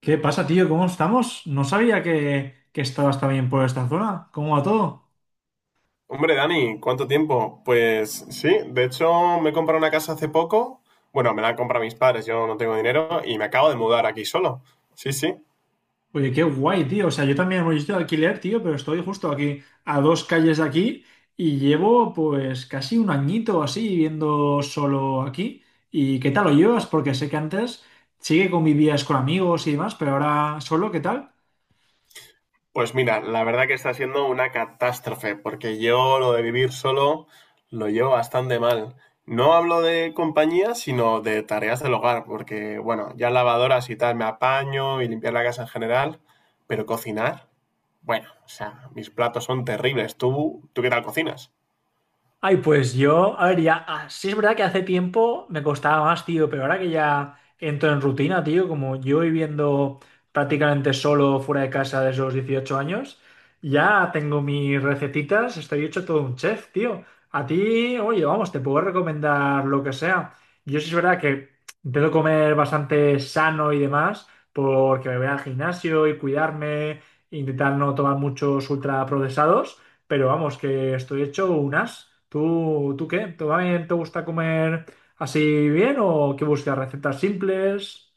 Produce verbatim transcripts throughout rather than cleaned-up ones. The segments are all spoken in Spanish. ¿Qué pasa, tío? ¿Cómo estamos? No sabía que, que estabas también por esta zona. ¿Cómo va todo? Hombre, Dani, ¿cuánto tiempo? Pues sí, de hecho me he comprado una casa hace poco. Bueno, me la han comprado mis padres, yo no tengo dinero y me acabo de mudar aquí solo. Sí, sí. Oye, qué guay, tío. O sea, yo también voy de alquiler, tío, pero estoy justo aquí, a dos calles de aquí, y llevo pues casi un añito así viviendo solo aquí. ¿Y qué tal lo llevas? Porque sé que antes sí que convivías con amigos y demás, pero ahora solo, ¿qué tal? Pues mira, la verdad que está siendo una catástrofe, porque yo lo de vivir solo lo llevo bastante mal. No hablo de compañía, sino de tareas del hogar, porque bueno, ya lavadoras y tal me apaño y limpiar la casa en general, pero cocinar, bueno, o sea, mis platos son terribles. ¿Tú, tú qué tal cocinas? Ay, pues yo, a ver, ya, ah, sí es verdad que hace tiempo me costaba más, tío, pero ahora que ya entro en rutina, tío, como yo viviendo prácticamente solo fuera de casa desde los dieciocho años, ya tengo mis recetitas, estoy hecho todo un chef, tío. A ti, oye, vamos, te puedo recomendar lo que sea. Yo sí es verdad que intento comer bastante sano y demás, porque me voy al gimnasio y cuidarme, intentar no tomar muchos ultraprocesados. Pero vamos, que estoy hecho un as. ¿Tú, tú qué? ¿También te gusta comer así bien o que buscas recetas simples?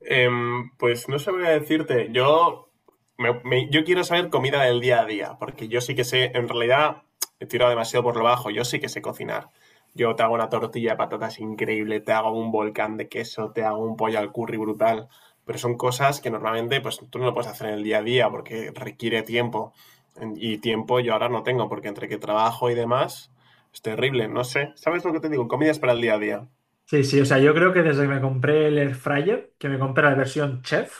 Em, pues no sabría decirte. Yo, me- me- yo quiero saber comida del día a día, porque yo sí que sé, en realidad he tirado demasiado por lo bajo, yo sí que sé cocinar. Yo te hago una tortilla de patatas increíble, te hago un volcán de queso, te hago un pollo al curry brutal, pero son cosas que normalmente pues tú no lo puedes hacer en el día a día porque requiere tiempo. En- Y tiempo yo ahora no tengo, porque entre que trabajo y demás, es terrible, no sé. ¿Sabes lo que te digo? Comidas para el día a día. Sí, sí, o sea, yo creo que desde que me compré el Air Fryer, que me compré la versión chef,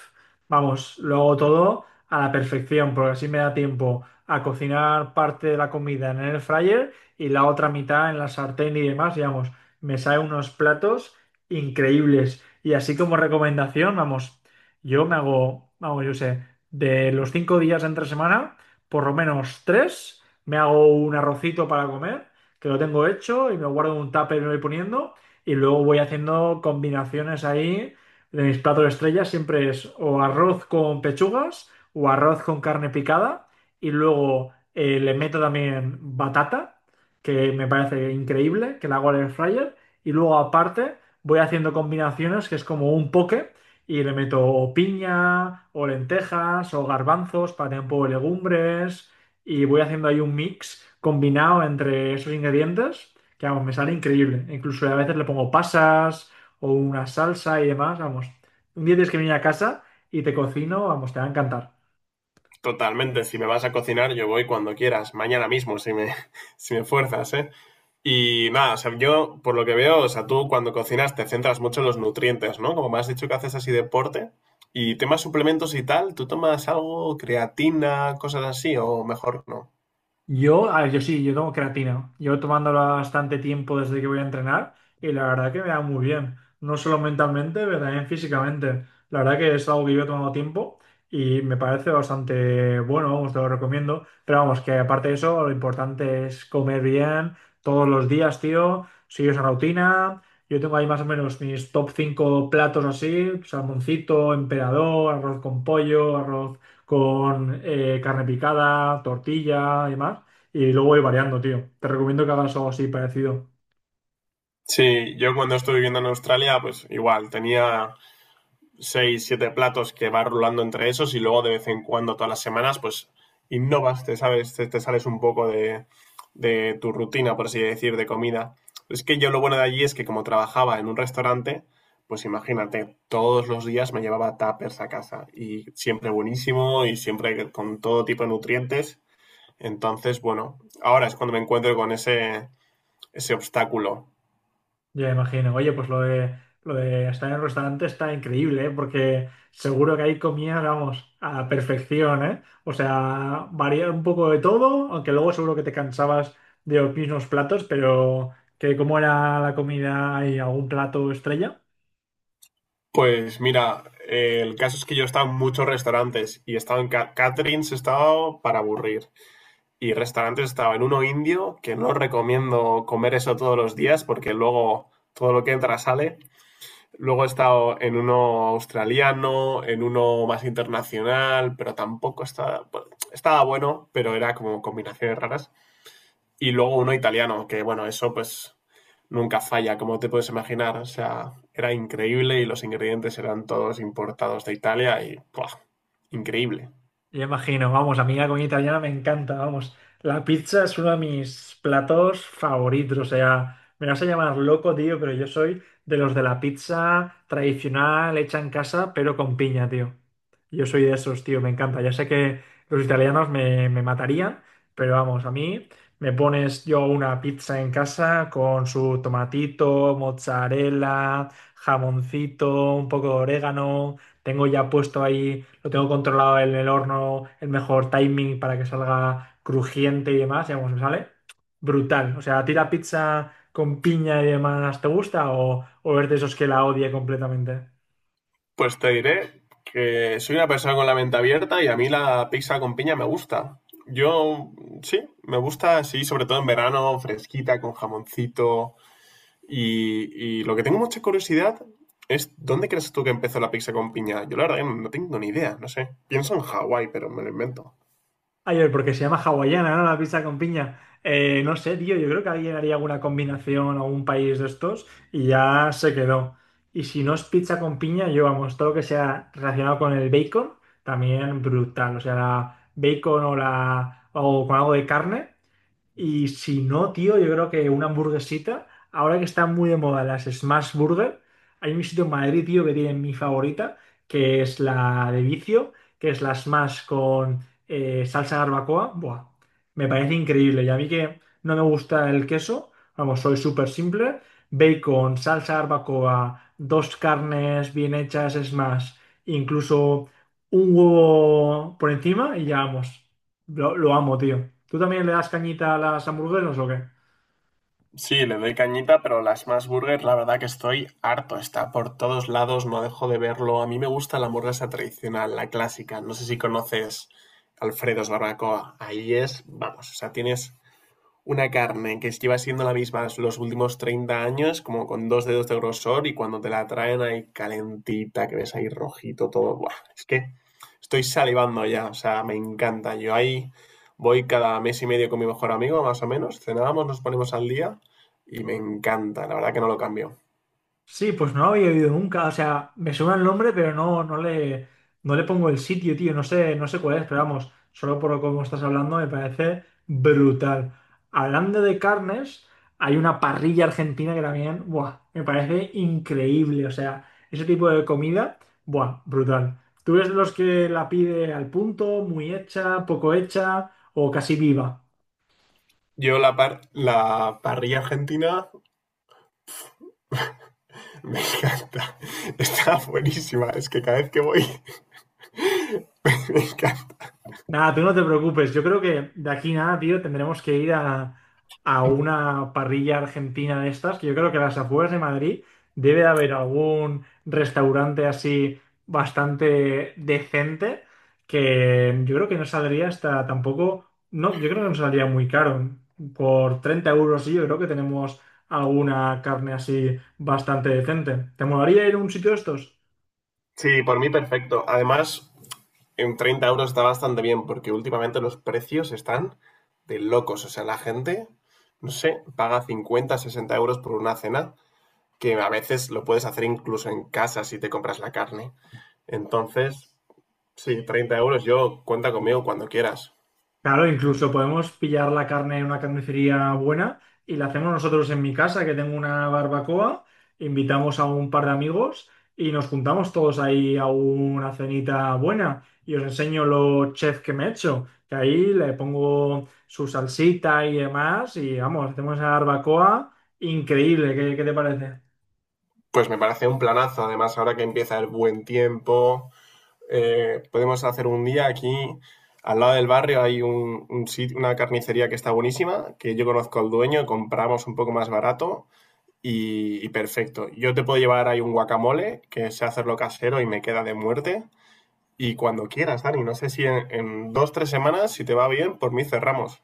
vamos, lo hago todo a la perfección, porque así me da tiempo a cocinar parte de la comida en el Air Fryer y la otra mitad en la sartén y demás, digamos, me salen unos platos increíbles. Y así como recomendación, vamos, yo me hago, vamos, yo sé, de los cinco días de entre semana, por lo menos tres, me hago un arrocito para comer, que lo tengo hecho y me guardo en un tupper y me voy poniendo y luego voy haciendo combinaciones ahí de mis platos estrellas, siempre es o arroz con pechugas o arroz con carne picada y luego eh, le meto también batata, que me parece increíble, que la hago al air fryer y luego aparte voy haciendo combinaciones que es como un poke y le meto o piña o lentejas o garbanzos para tener un poco de legumbres y voy haciendo ahí un mix combinado entre esos ingredientes que vamos, me sale increíble. Incluso a veces le pongo pasas o una salsa y demás, vamos. Un día tienes que venir a casa y te cocino, vamos, te va a encantar. Totalmente, si me vas a cocinar yo voy cuando quieras, mañana mismo si me, si me fuerzas, ¿eh? Y nada, o sea, yo por lo que veo, o sea, tú cuando cocinas te centras mucho en los nutrientes, ¿no? Como me has dicho que haces así deporte y temas suplementos y tal, ¿tú tomas algo, creatina, cosas así o mejor no? Yo, a ver, yo sí, yo tomo creatina. Llevo tomándola bastante tiempo desde que voy a entrenar y la verdad que me da muy bien. No solo mentalmente, pero también físicamente. La verdad que es algo que yo he tomado tiempo y me parece bastante bueno, vamos, te lo recomiendo. Pero vamos, que aparte de eso, lo importante es comer bien todos los días, tío. Sigue esa rutina. Yo tengo ahí más o menos mis top cinco platos así, salmoncito, emperador, arroz con pollo, arroz con eh, carne picada, tortilla y demás. Y luego voy variando, tío. Te recomiendo que hagas algo así parecido. Sí, yo cuando estuve viviendo en Australia, pues igual, tenía seis, siete platos que vas rulando entre esos y luego de vez en cuando, todas las semanas, pues innovas, te, sabes, te, te sales un poco de, de tu rutina, por así decir, de comida. Es que yo lo bueno de allí es que como trabajaba en un restaurante, pues imagínate, todos los días me llevaba tuppers a casa y siempre buenísimo y siempre con todo tipo de nutrientes. Entonces, bueno, ahora es cuando me encuentro con ese, ese obstáculo. Ya me imagino. Oye, pues lo de, lo de estar en el restaurante está increíble, ¿eh? Porque seguro que ahí comías vamos, a la perfección, ¿eh? O sea, variar un poco de todo, aunque luego seguro que te cansabas de los mismos platos, pero que cómo era la comida y algún plato estrella. Pues mira, eh, el caso es que yo he estado en muchos restaurantes y he estado en ca- caterings, he estado para aburrir. Y restaurantes he estado en uno indio, que no recomiendo comer eso todos los días porque luego todo lo que entra sale. Luego he estado en uno australiano, en uno más internacional, pero tampoco estaba, bueno, estaba bueno, pero era como combinaciones raras y luego uno italiano, que bueno, eso pues nunca falla, como te puedes imaginar. O sea, era increíble y los ingredientes eran todos importados de Italia y ¡buah! Increíble. Yo imagino, vamos, a mí la comida italiana me encanta, vamos. La pizza es uno de mis platos favoritos, o sea, me vas a llamar loco, tío, pero yo soy de los de la pizza tradicional hecha en casa, pero con piña, tío. Yo soy de esos, tío, me encanta. Ya sé que los italianos me, me matarían, pero vamos, a mí me pones yo una pizza en casa con su tomatito, mozzarella, jamoncito, un poco de orégano. Tengo ya puesto ahí, lo tengo controlado en el horno, el mejor timing para que salga crujiente y demás. Y vamos, me sale brutal. O sea, ¿a ti la pizza con piña y demás te gusta o, o eres de esos que la odia completamente? Pues te diré que soy una persona con la mente abierta y a mí la pizza con piña me gusta. Yo sí, me gusta así, sobre todo en verano, fresquita, con jamoncito. Y, y lo que tengo mucha curiosidad es, ¿dónde crees tú que empezó la pizza con piña? Yo la verdad que no tengo ni idea, no sé. Pienso en Hawái, pero me lo invento. Ay, oye, porque se llama hawaiana, ¿no? La pizza con piña. Eh, no sé, tío, yo creo que alguien haría alguna combinación a un país de estos y ya se quedó. Y si no es pizza con piña, yo vamos, todo lo que sea relacionado con el bacon, también brutal. O sea, la bacon o la o con algo de carne, y si no, tío, yo creo que una hamburguesita, ahora que están muy de moda las Smash Burger, hay un sitio en Madrid, tío, que tiene mi favorita, que es la de vicio, que es la Smash con eh, salsa barbacoa. Buah, me parece increíble. Y a mí que no me gusta el queso, vamos, soy súper simple. Bacon, salsa barbacoa, dos carnes bien hechas Smash, incluso un huevo por encima y ya vamos. Lo, lo amo, tío. ¿Tú también le das cañita a las hamburguesas o qué? Sí, le doy cañita, pero la Smash Burger, la verdad que estoy harto. Está por todos lados, no dejo de verlo. A mí me gusta la hamburguesa tradicional, la clásica. No sé si conoces Alfredo's Barbacoa. Ahí es, vamos, o sea, tienes una carne que lleva siendo la misma los últimos treinta años, como con dos dedos de grosor, y cuando te la traen ahí calentita, que ves ahí rojito todo. Buah, es que estoy salivando ya, o sea, me encanta. Yo ahí voy cada mes y medio con mi mejor amigo, más o menos. Cenábamos, nos ponemos al día y me encanta, la verdad que no lo cambio. Sí, pues no lo había oído nunca. O sea, me suena el nombre, pero no, no le, no le pongo el sitio, tío. No sé, no sé cuál es, pero vamos, solo por lo como estás hablando me parece brutal. Hablando de carnes, hay una parrilla argentina que también, buah, me parece increíble. O sea, ese tipo de comida, buah, brutal. ¿Tú eres de los que la pide al punto, muy hecha, poco hecha o casi viva? Yo la, par La parrilla argentina me encanta, está buenísima, es que cada vez que voy me encanta. Nada, tú no te preocupes. Yo creo que de aquí nada, tío, tendremos que ir a, a, una parrilla argentina de estas, que yo creo que a las afueras de Madrid debe de haber algún restaurante así bastante decente, que yo creo que no saldría hasta tampoco, no, yo creo que no saldría muy caro. Por treinta euros, sí, yo creo que tenemos alguna carne así bastante decente. ¿Te molaría ir a un sitio de estos? Sí, por mí perfecto. Además, en treinta euros está bastante bien, porque últimamente los precios están de locos. O sea, la gente, no sé, paga cincuenta, sesenta euros por una cena, que a veces lo puedes hacer incluso en casa si te compras la carne. Entonces, sí, treinta euros, yo cuenta conmigo cuando quieras. Claro, incluso podemos pillar la carne en una carnicería buena y la hacemos nosotros en mi casa, que tengo una barbacoa, invitamos a un par de amigos y nos juntamos todos ahí a una cenita buena y os enseño los chefs que me he hecho, que ahí le pongo su salsita y demás y vamos, hacemos esa barbacoa increíble, ¿qué, qué te parece? Pues me parece un planazo, además ahora que empieza el buen tiempo, eh, podemos hacer un día aquí, al lado del barrio hay un, un sit- una carnicería que está buenísima, que yo conozco al dueño, compramos un poco más barato y, y perfecto. Yo te puedo llevar ahí un guacamole, que sé hacerlo casero y me queda de muerte. Y cuando quieras, Dani, no sé si en, en dos, tres semanas, si te va bien, por mí cerramos.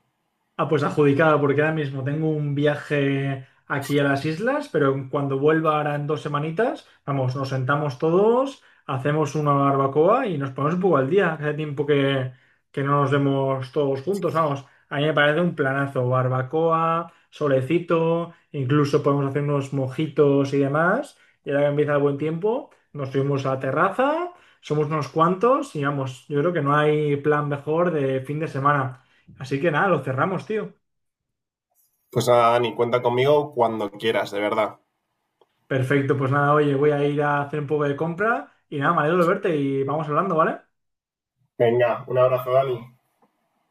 Ah, pues adjudicada porque ahora mismo tengo un viaje aquí a las islas, pero en cuando vuelva ahora en dos semanitas, vamos, nos sentamos todos, hacemos una barbacoa y nos ponemos un poco al día. Hace tiempo que, que no nos vemos todos juntos, vamos. A mí me parece un planazo, barbacoa, solecito, incluso podemos hacer unos mojitos y demás. Y ahora que empieza el buen tiempo, nos subimos a la terraza, somos unos cuantos y vamos, yo creo que no hay plan mejor de fin de semana. Así que nada, lo cerramos, tío. Pues nada, Dani, cuenta conmigo cuando quieras, de verdad. Perfecto, pues nada, oye, voy a ir a hacer un poco de compra y nada, me alegro de verte y vamos hablando, ¿vale? Venga, un abrazo, Dani.